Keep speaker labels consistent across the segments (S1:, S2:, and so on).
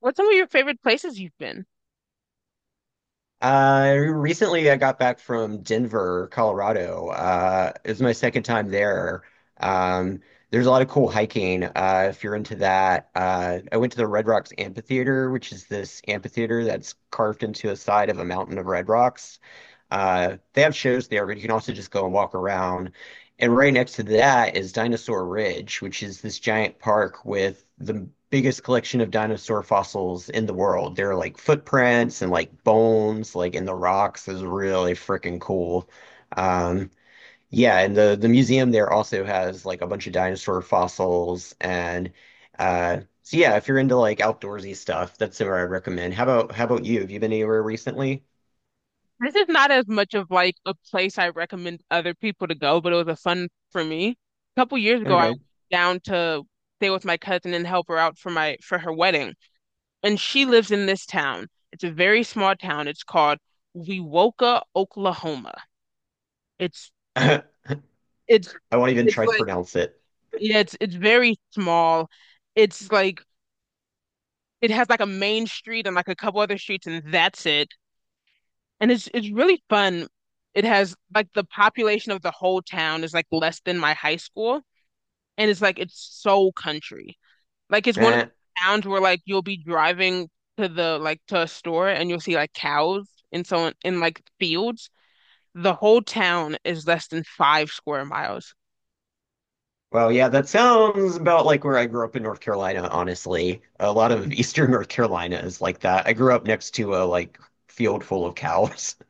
S1: What's some of your favorite places you've been?
S2: Recently I got back from Denver, Colorado. It was my second time there. Um, there's a lot of cool hiking, if you're into that. I went to the Red Rocks Amphitheater, which is this amphitheater that's carved into a side of a mountain of red rocks. They have shows there, but you can also just go and walk around. And right next to that is Dinosaur Ridge, which is this giant park with the biggest collection of dinosaur fossils in the world. There are like footprints and like bones, like in the rocks, is really freaking cool. Um, yeah, and the museum there also has like a bunch of dinosaur fossils and so yeah, if you're into like outdoorsy stuff, that's where I recommend. How about you? Have you been anywhere recently?
S1: This is not as much of like a place I recommend other people to go, but it was a fun for me. A couple years ago, I
S2: Okay.
S1: went down to stay with my cousin and help her out for my for her wedding. And she lives in this town. It's a very small town. It's called Wewoka, Oklahoma. It's it's
S2: I won't even
S1: it's
S2: try to
S1: like
S2: pronounce it.
S1: yeah, it's very small. It's like it has like a main street and like a couple other streets and that's it. And it's really fun. It has like the population of the whole town is like less than my high school, and it's like it's so country. Like it's one of
S2: Eh.
S1: those towns where like you'll be driving to the like to a store and you'll see like cows and so on in like fields. The whole town is less than five square miles.
S2: Well, yeah, that sounds about like where I grew up in North Carolina, honestly. A lot of Eastern North Carolina is like that. I grew up next to a like field full of cows.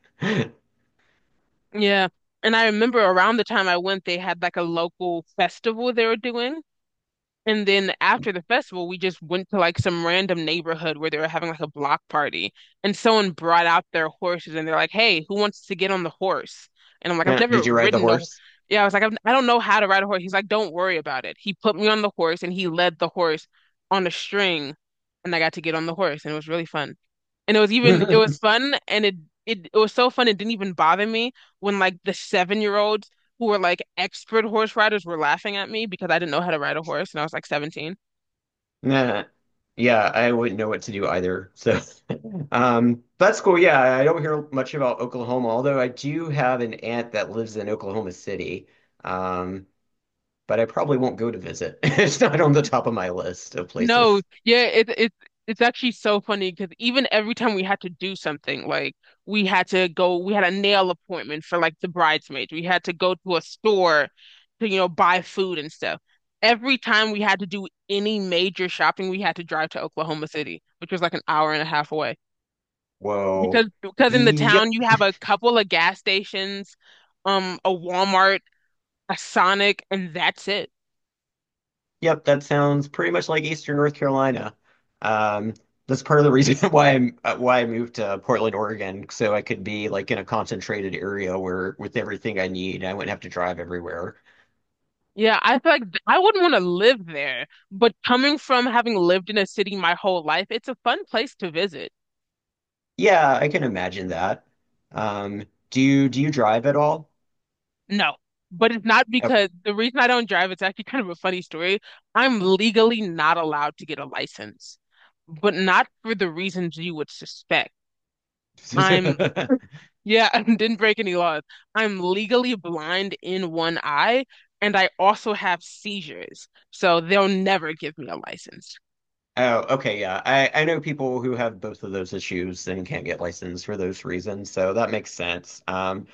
S1: Yeah. And I remember around the time I went, they had like a local festival they were doing. And then after the festival, we just went to like some random neighborhood where they were having like a block party. And someone brought out their horses and they're like, "Hey, who wants to get on the horse?" And I'm like, I've
S2: Eh,
S1: never
S2: did you ride the
S1: ridden a,
S2: horse?
S1: yeah, I was like, I don't know how to ride a horse. He's like, don't worry about it. He put me on the horse and he led the horse on a string and I got to get on the horse and it was really fun. And it was fun and it was so fun. It didn't even bother me when like the seven-year-old who were like expert horse riders were laughing at me because I didn't know how to ride a horse and I was like 17.
S2: Nah. Yeah, I wouldn't know what to do either. So, that's cool. Yeah, I don't hear much about Oklahoma, although I do have an aunt that lives in Oklahoma City. Um, but I probably won't go to visit. It's not on the top of my list of
S1: No,
S2: places.
S1: yeah, it it's actually so funny because even every time we had to do something, like we had a nail appointment for like the bridesmaids. We had to go to a store to, you know, buy food and stuff. Every time we had to do any major shopping, we had to drive to Oklahoma City, which was like an hour and a half away. Because
S2: Whoa.
S1: because in the town
S2: Yep.
S1: you have a couple of gas stations, a Walmart, a Sonic, and that's it.
S2: Yep. That sounds pretty much like Eastern North Carolina. Um, that's part of the reason why I'm why I moved to Portland, Oregon, so I could be like in a concentrated area where with everything I need, I wouldn't have to drive everywhere.
S1: Yeah, I feel like I wouldn't want to live there, but coming from having lived in a city my whole life, it's a fun place to visit.
S2: Yeah, I can imagine that. Um, do you drive at all?
S1: No, but it's not
S2: Okay.
S1: because the reason I don't drive, it's actually kind of a funny story. I'm legally not allowed to get a license, but not for the reasons you would suspect. I'm yeah, I didn't break any laws. I'm legally blind in one eye, and I also have seizures, so they'll never give me a license.
S2: Oh, okay, yeah. I know people who have both of those issues and can't get licensed for those reasons, so that makes sense.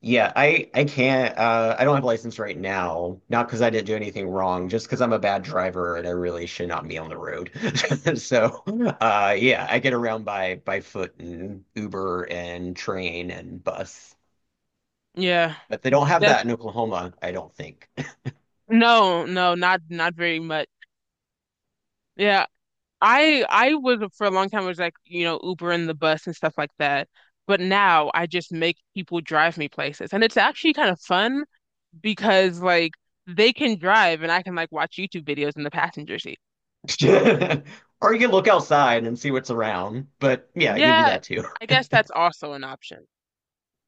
S2: Yeah, I can't I don't have a license right now, not because I didn't do anything wrong, just because I'm a bad driver and I really should not be on the road. So, yeah, I get around by foot and Uber and train and bus.
S1: Yeah.
S2: But they don't have
S1: That's
S2: that in Oklahoma, I don't think.
S1: no, no, not not very much. Yeah. I was for a long time was like, you know, Uber and the bus and stuff like that. But now I just make people drive me places. And it's actually kind of fun because like they can drive and I can like watch YouTube videos in the passenger seat.
S2: Or you can look outside and see what's around, but yeah, you can do
S1: Yeah,
S2: that too.
S1: I guess that's also an option.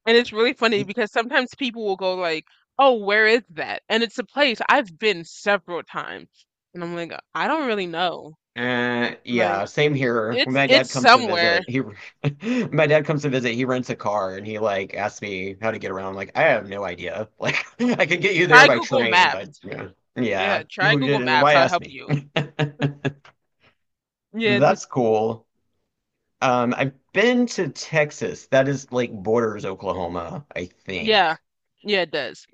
S1: And it's really funny because sometimes people will go like, "Oh, where is that?" And it's a place I've been several times. And I'm like, "I don't really know."
S2: Yeah,
S1: Like
S2: same here. When
S1: It's
S2: my
S1: it's
S2: dad comes to
S1: somewhere.
S2: visit, he when my dad comes to visit, he rents a car and he like asks me how to get around. I'm like, I have no idea. Like, I could get you there
S1: Try
S2: by
S1: Google
S2: train,
S1: Maps.
S2: but yeah, yeah.
S1: Yeah, try Google Maps.
S2: Why
S1: I'll
S2: ask
S1: help
S2: me?
S1: you. Yeah, th-
S2: That's cool. I've been to Texas. That is like borders Oklahoma, I
S1: yeah,
S2: think.
S1: yeah, it does.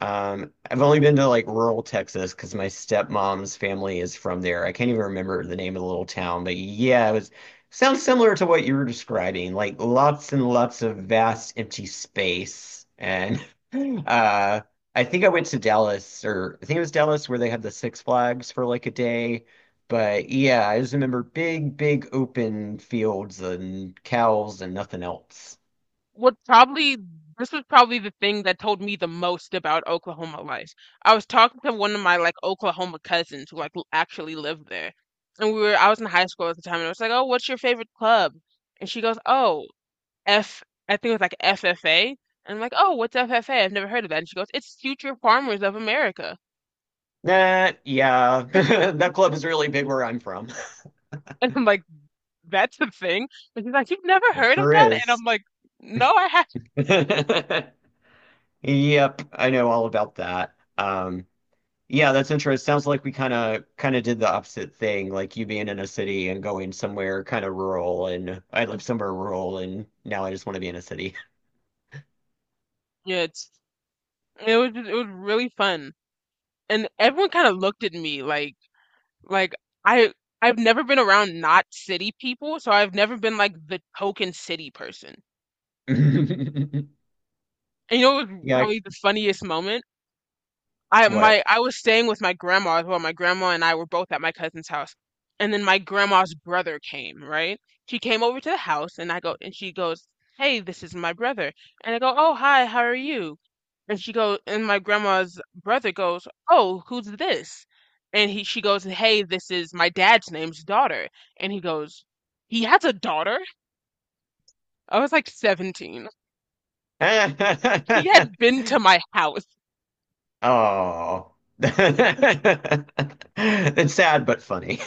S2: I've only been to like rural Texas because my stepmom's family is from there. I can't even remember the name of the little town, but yeah, it was sounds similar to what you were describing, like lots and lots of vast empty space. And uh, I think I went to Dallas, or I think it was Dallas where they had the Six Flags for like a day. But yeah, I just remember big, big open fields and cows and nothing else.
S1: What probably this was probably the thing that told me the most about Oklahoma life. I was talking to one of my like Oklahoma cousins who like actually lived there, and we were I was in high school at the time, and I was like, "Oh, what's your favorite club?" And she goes, "Oh, F. I think it was like FFA." And I'm like, "Oh, what's FFA? I've never heard of that." And she goes, "It's Future Farmers of America."
S2: That, yeah, that club is really big where I'm from.
S1: And I'm like, that's the thing. And she's like, you've never
S2: It
S1: heard of
S2: sure
S1: that? And
S2: is.
S1: I'm like, no, I haven't.
S2: Yep, I know all about that. Yeah, that's interesting. Sounds like we kind of did the opposite thing, like you being in a city and going somewhere kind of rural, and I live somewhere rural, and now I just want to be in a city.
S1: Yeah, it's, it was just, it was really fun. And everyone kind of looked at me like I I've never been around not city people, so I've never been like the token city person. And you know, it was
S2: Yeah,
S1: probably the funniest moment.
S2: what?
S1: I was staying with my grandma as well. My grandma and I were both at my cousin's house. And then my grandma's brother came, right? She came over to the house and I go and she goes, "Hey, this is my brother." And I go, "Oh, hi, how are you?" And my grandma's brother goes, "Oh, who's this?" And he she goes, "Hey, this is my dad's name's daughter." And he goes, "He has a daughter?" I was like 17. He had been to my house.
S2: Oh, it's sad but funny.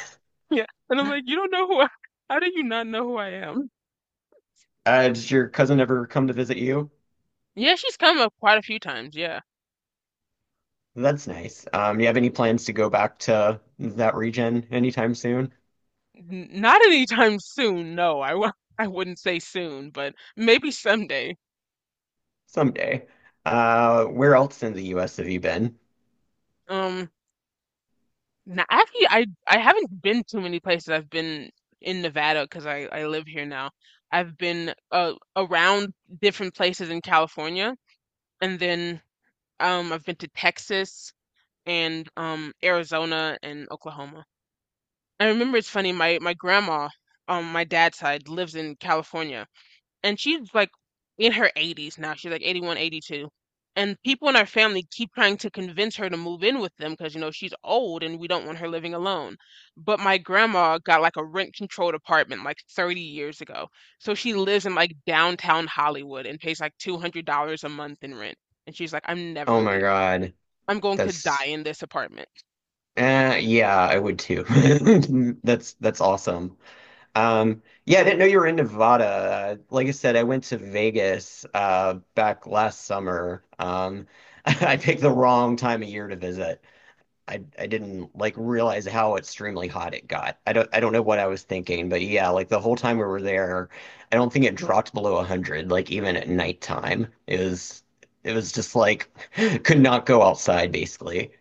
S1: Yeah. And I'm like, "You don't know who I, how do you not know who I am?"
S2: Did your cousin ever come to visit you?
S1: Yeah, she's come up quite a few times, yeah.
S2: That's nice. Do you have any plans to go back to that region anytime soon?
S1: N not anytime soon, no. I w I wouldn't say soon, but maybe someday.
S2: Someday. Where else in the US have you been?
S1: Um, now actually I haven't been too many places. I've been in Nevada because I live here now. I've been around different places in California, and then I've been to Texas and Arizona and Oklahoma. I remember it's funny, my grandma on my dad's side lives in California and she's like in her 80s now. She's like 81, 82. And people in our family keep trying to convince her to move in with them because, you know, she's old and we don't want her living alone. But my grandma got like a rent-controlled apartment like 30 years ago. So she lives in like downtown Hollywood and pays like $200 a month in rent. And she's like, I'm
S2: Oh
S1: never
S2: my
S1: leaving.
S2: God.
S1: I'm going to die
S2: That's
S1: in this apartment.
S2: yeah, I would too. That's awesome. Yeah, I didn't know you were in Nevada. Like I said, I went to Vegas back last summer. I picked the wrong time of year to visit. I didn't like realize how extremely hot it got. I don't know what I was thinking, but yeah, like the whole time we were there, I don't think it dropped below 100, like even at nighttime. It was just like could not go outside basically.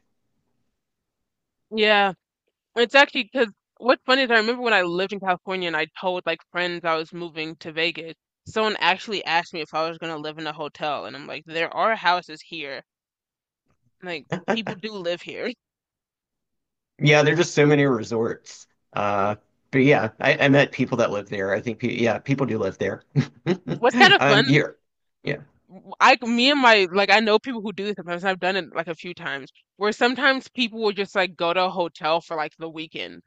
S1: Yeah. It's actually because what's funny is I remember when I lived in California and I told like friends I was moving to Vegas, someone actually asked me if I was going to live in a hotel. And I'm like, there are houses here. Like, people do live here.
S2: Yeah, there's just so many resorts. Uh, but yeah, I met people that live there. I think, pe yeah, people do live there.
S1: What's kind of
S2: Um,
S1: fun,
S2: you're, yeah,
S1: me and my, like, I know people who do this sometimes. I've done it like a few times where sometimes people will just like go to a hotel for like the weekend,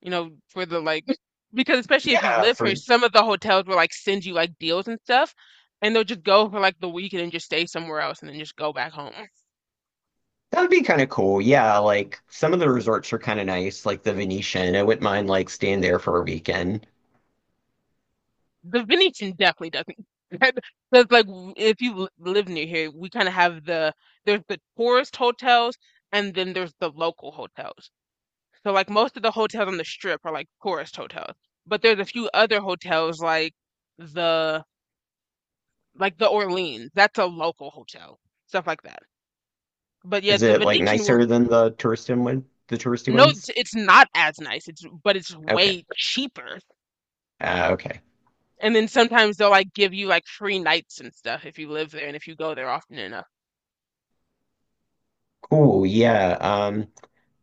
S1: you know, for because especially if you
S2: yeah,
S1: live here,
S2: for
S1: some of the hotels will like send you like deals and stuff, and they'll just go for like the weekend and just stay somewhere else and then just go back home.
S2: that would be kind of cool. Yeah, like some of the resorts are kind of nice, like the Venetian. I wouldn't mind like staying there for a weekend.
S1: The Venetian definitely doesn't. Because like if you live near here, we kind of have there's the tourist hotels and then there's the local hotels. So like most of the hotels on the strip are like tourist hotels, but there's a few other hotels like the the Orleans. That's a local hotel, stuff like that. But yeah,
S2: Is
S1: the
S2: it like
S1: Venetian,
S2: nicer than the touristy one, the touristy
S1: no,
S2: ones?
S1: it's not as nice. It's but it's
S2: Okay.
S1: way cheaper.
S2: Okay.
S1: And then sometimes they'll like give you like free nights and stuff if you live there and if you go there often enough.
S2: Cool. Yeah.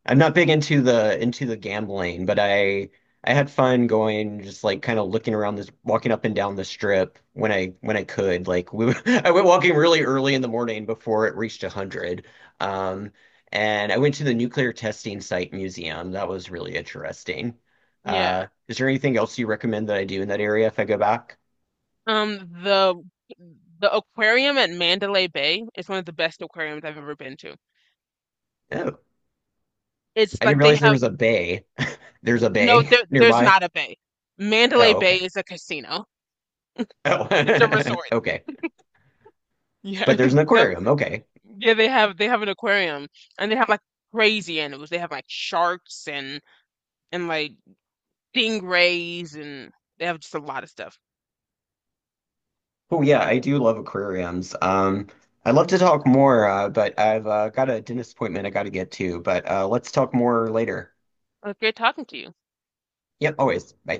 S2: I'm not big into the gambling, but I had fun going just like kind of looking around this walking up and down the strip when I could. Like we I went walking really early in the morning before it reached 100. Um and I went to the Nuclear Testing Site Museum. That was really interesting.
S1: Yeah.
S2: Is there anything else you recommend that I do in that area if I go back?
S1: The the aquarium at Mandalay Bay is one of the best aquariums I've ever been to.
S2: Oh,
S1: It's
S2: I didn't
S1: like they
S2: realize there
S1: have,
S2: was a bay. There's a
S1: no,
S2: bay
S1: there's
S2: nearby.
S1: not a bay. Mandalay
S2: Oh,
S1: Bay
S2: okay.
S1: is a casino.
S2: Oh.
S1: It's a resort.
S2: Okay.
S1: Yeah,
S2: But there's an aquarium. Okay.
S1: yeah, they have an aquarium and they have like crazy animals. They have like sharks and like stingrays, and they have just a lot of stuff.
S2: Oh yeah, I do love aquariums. I'd love to talk more, but I've got a dentist appointment I got to get to. But let's talk more later.
S1: It's was great talking to you.
S2: Yep, always. Bye.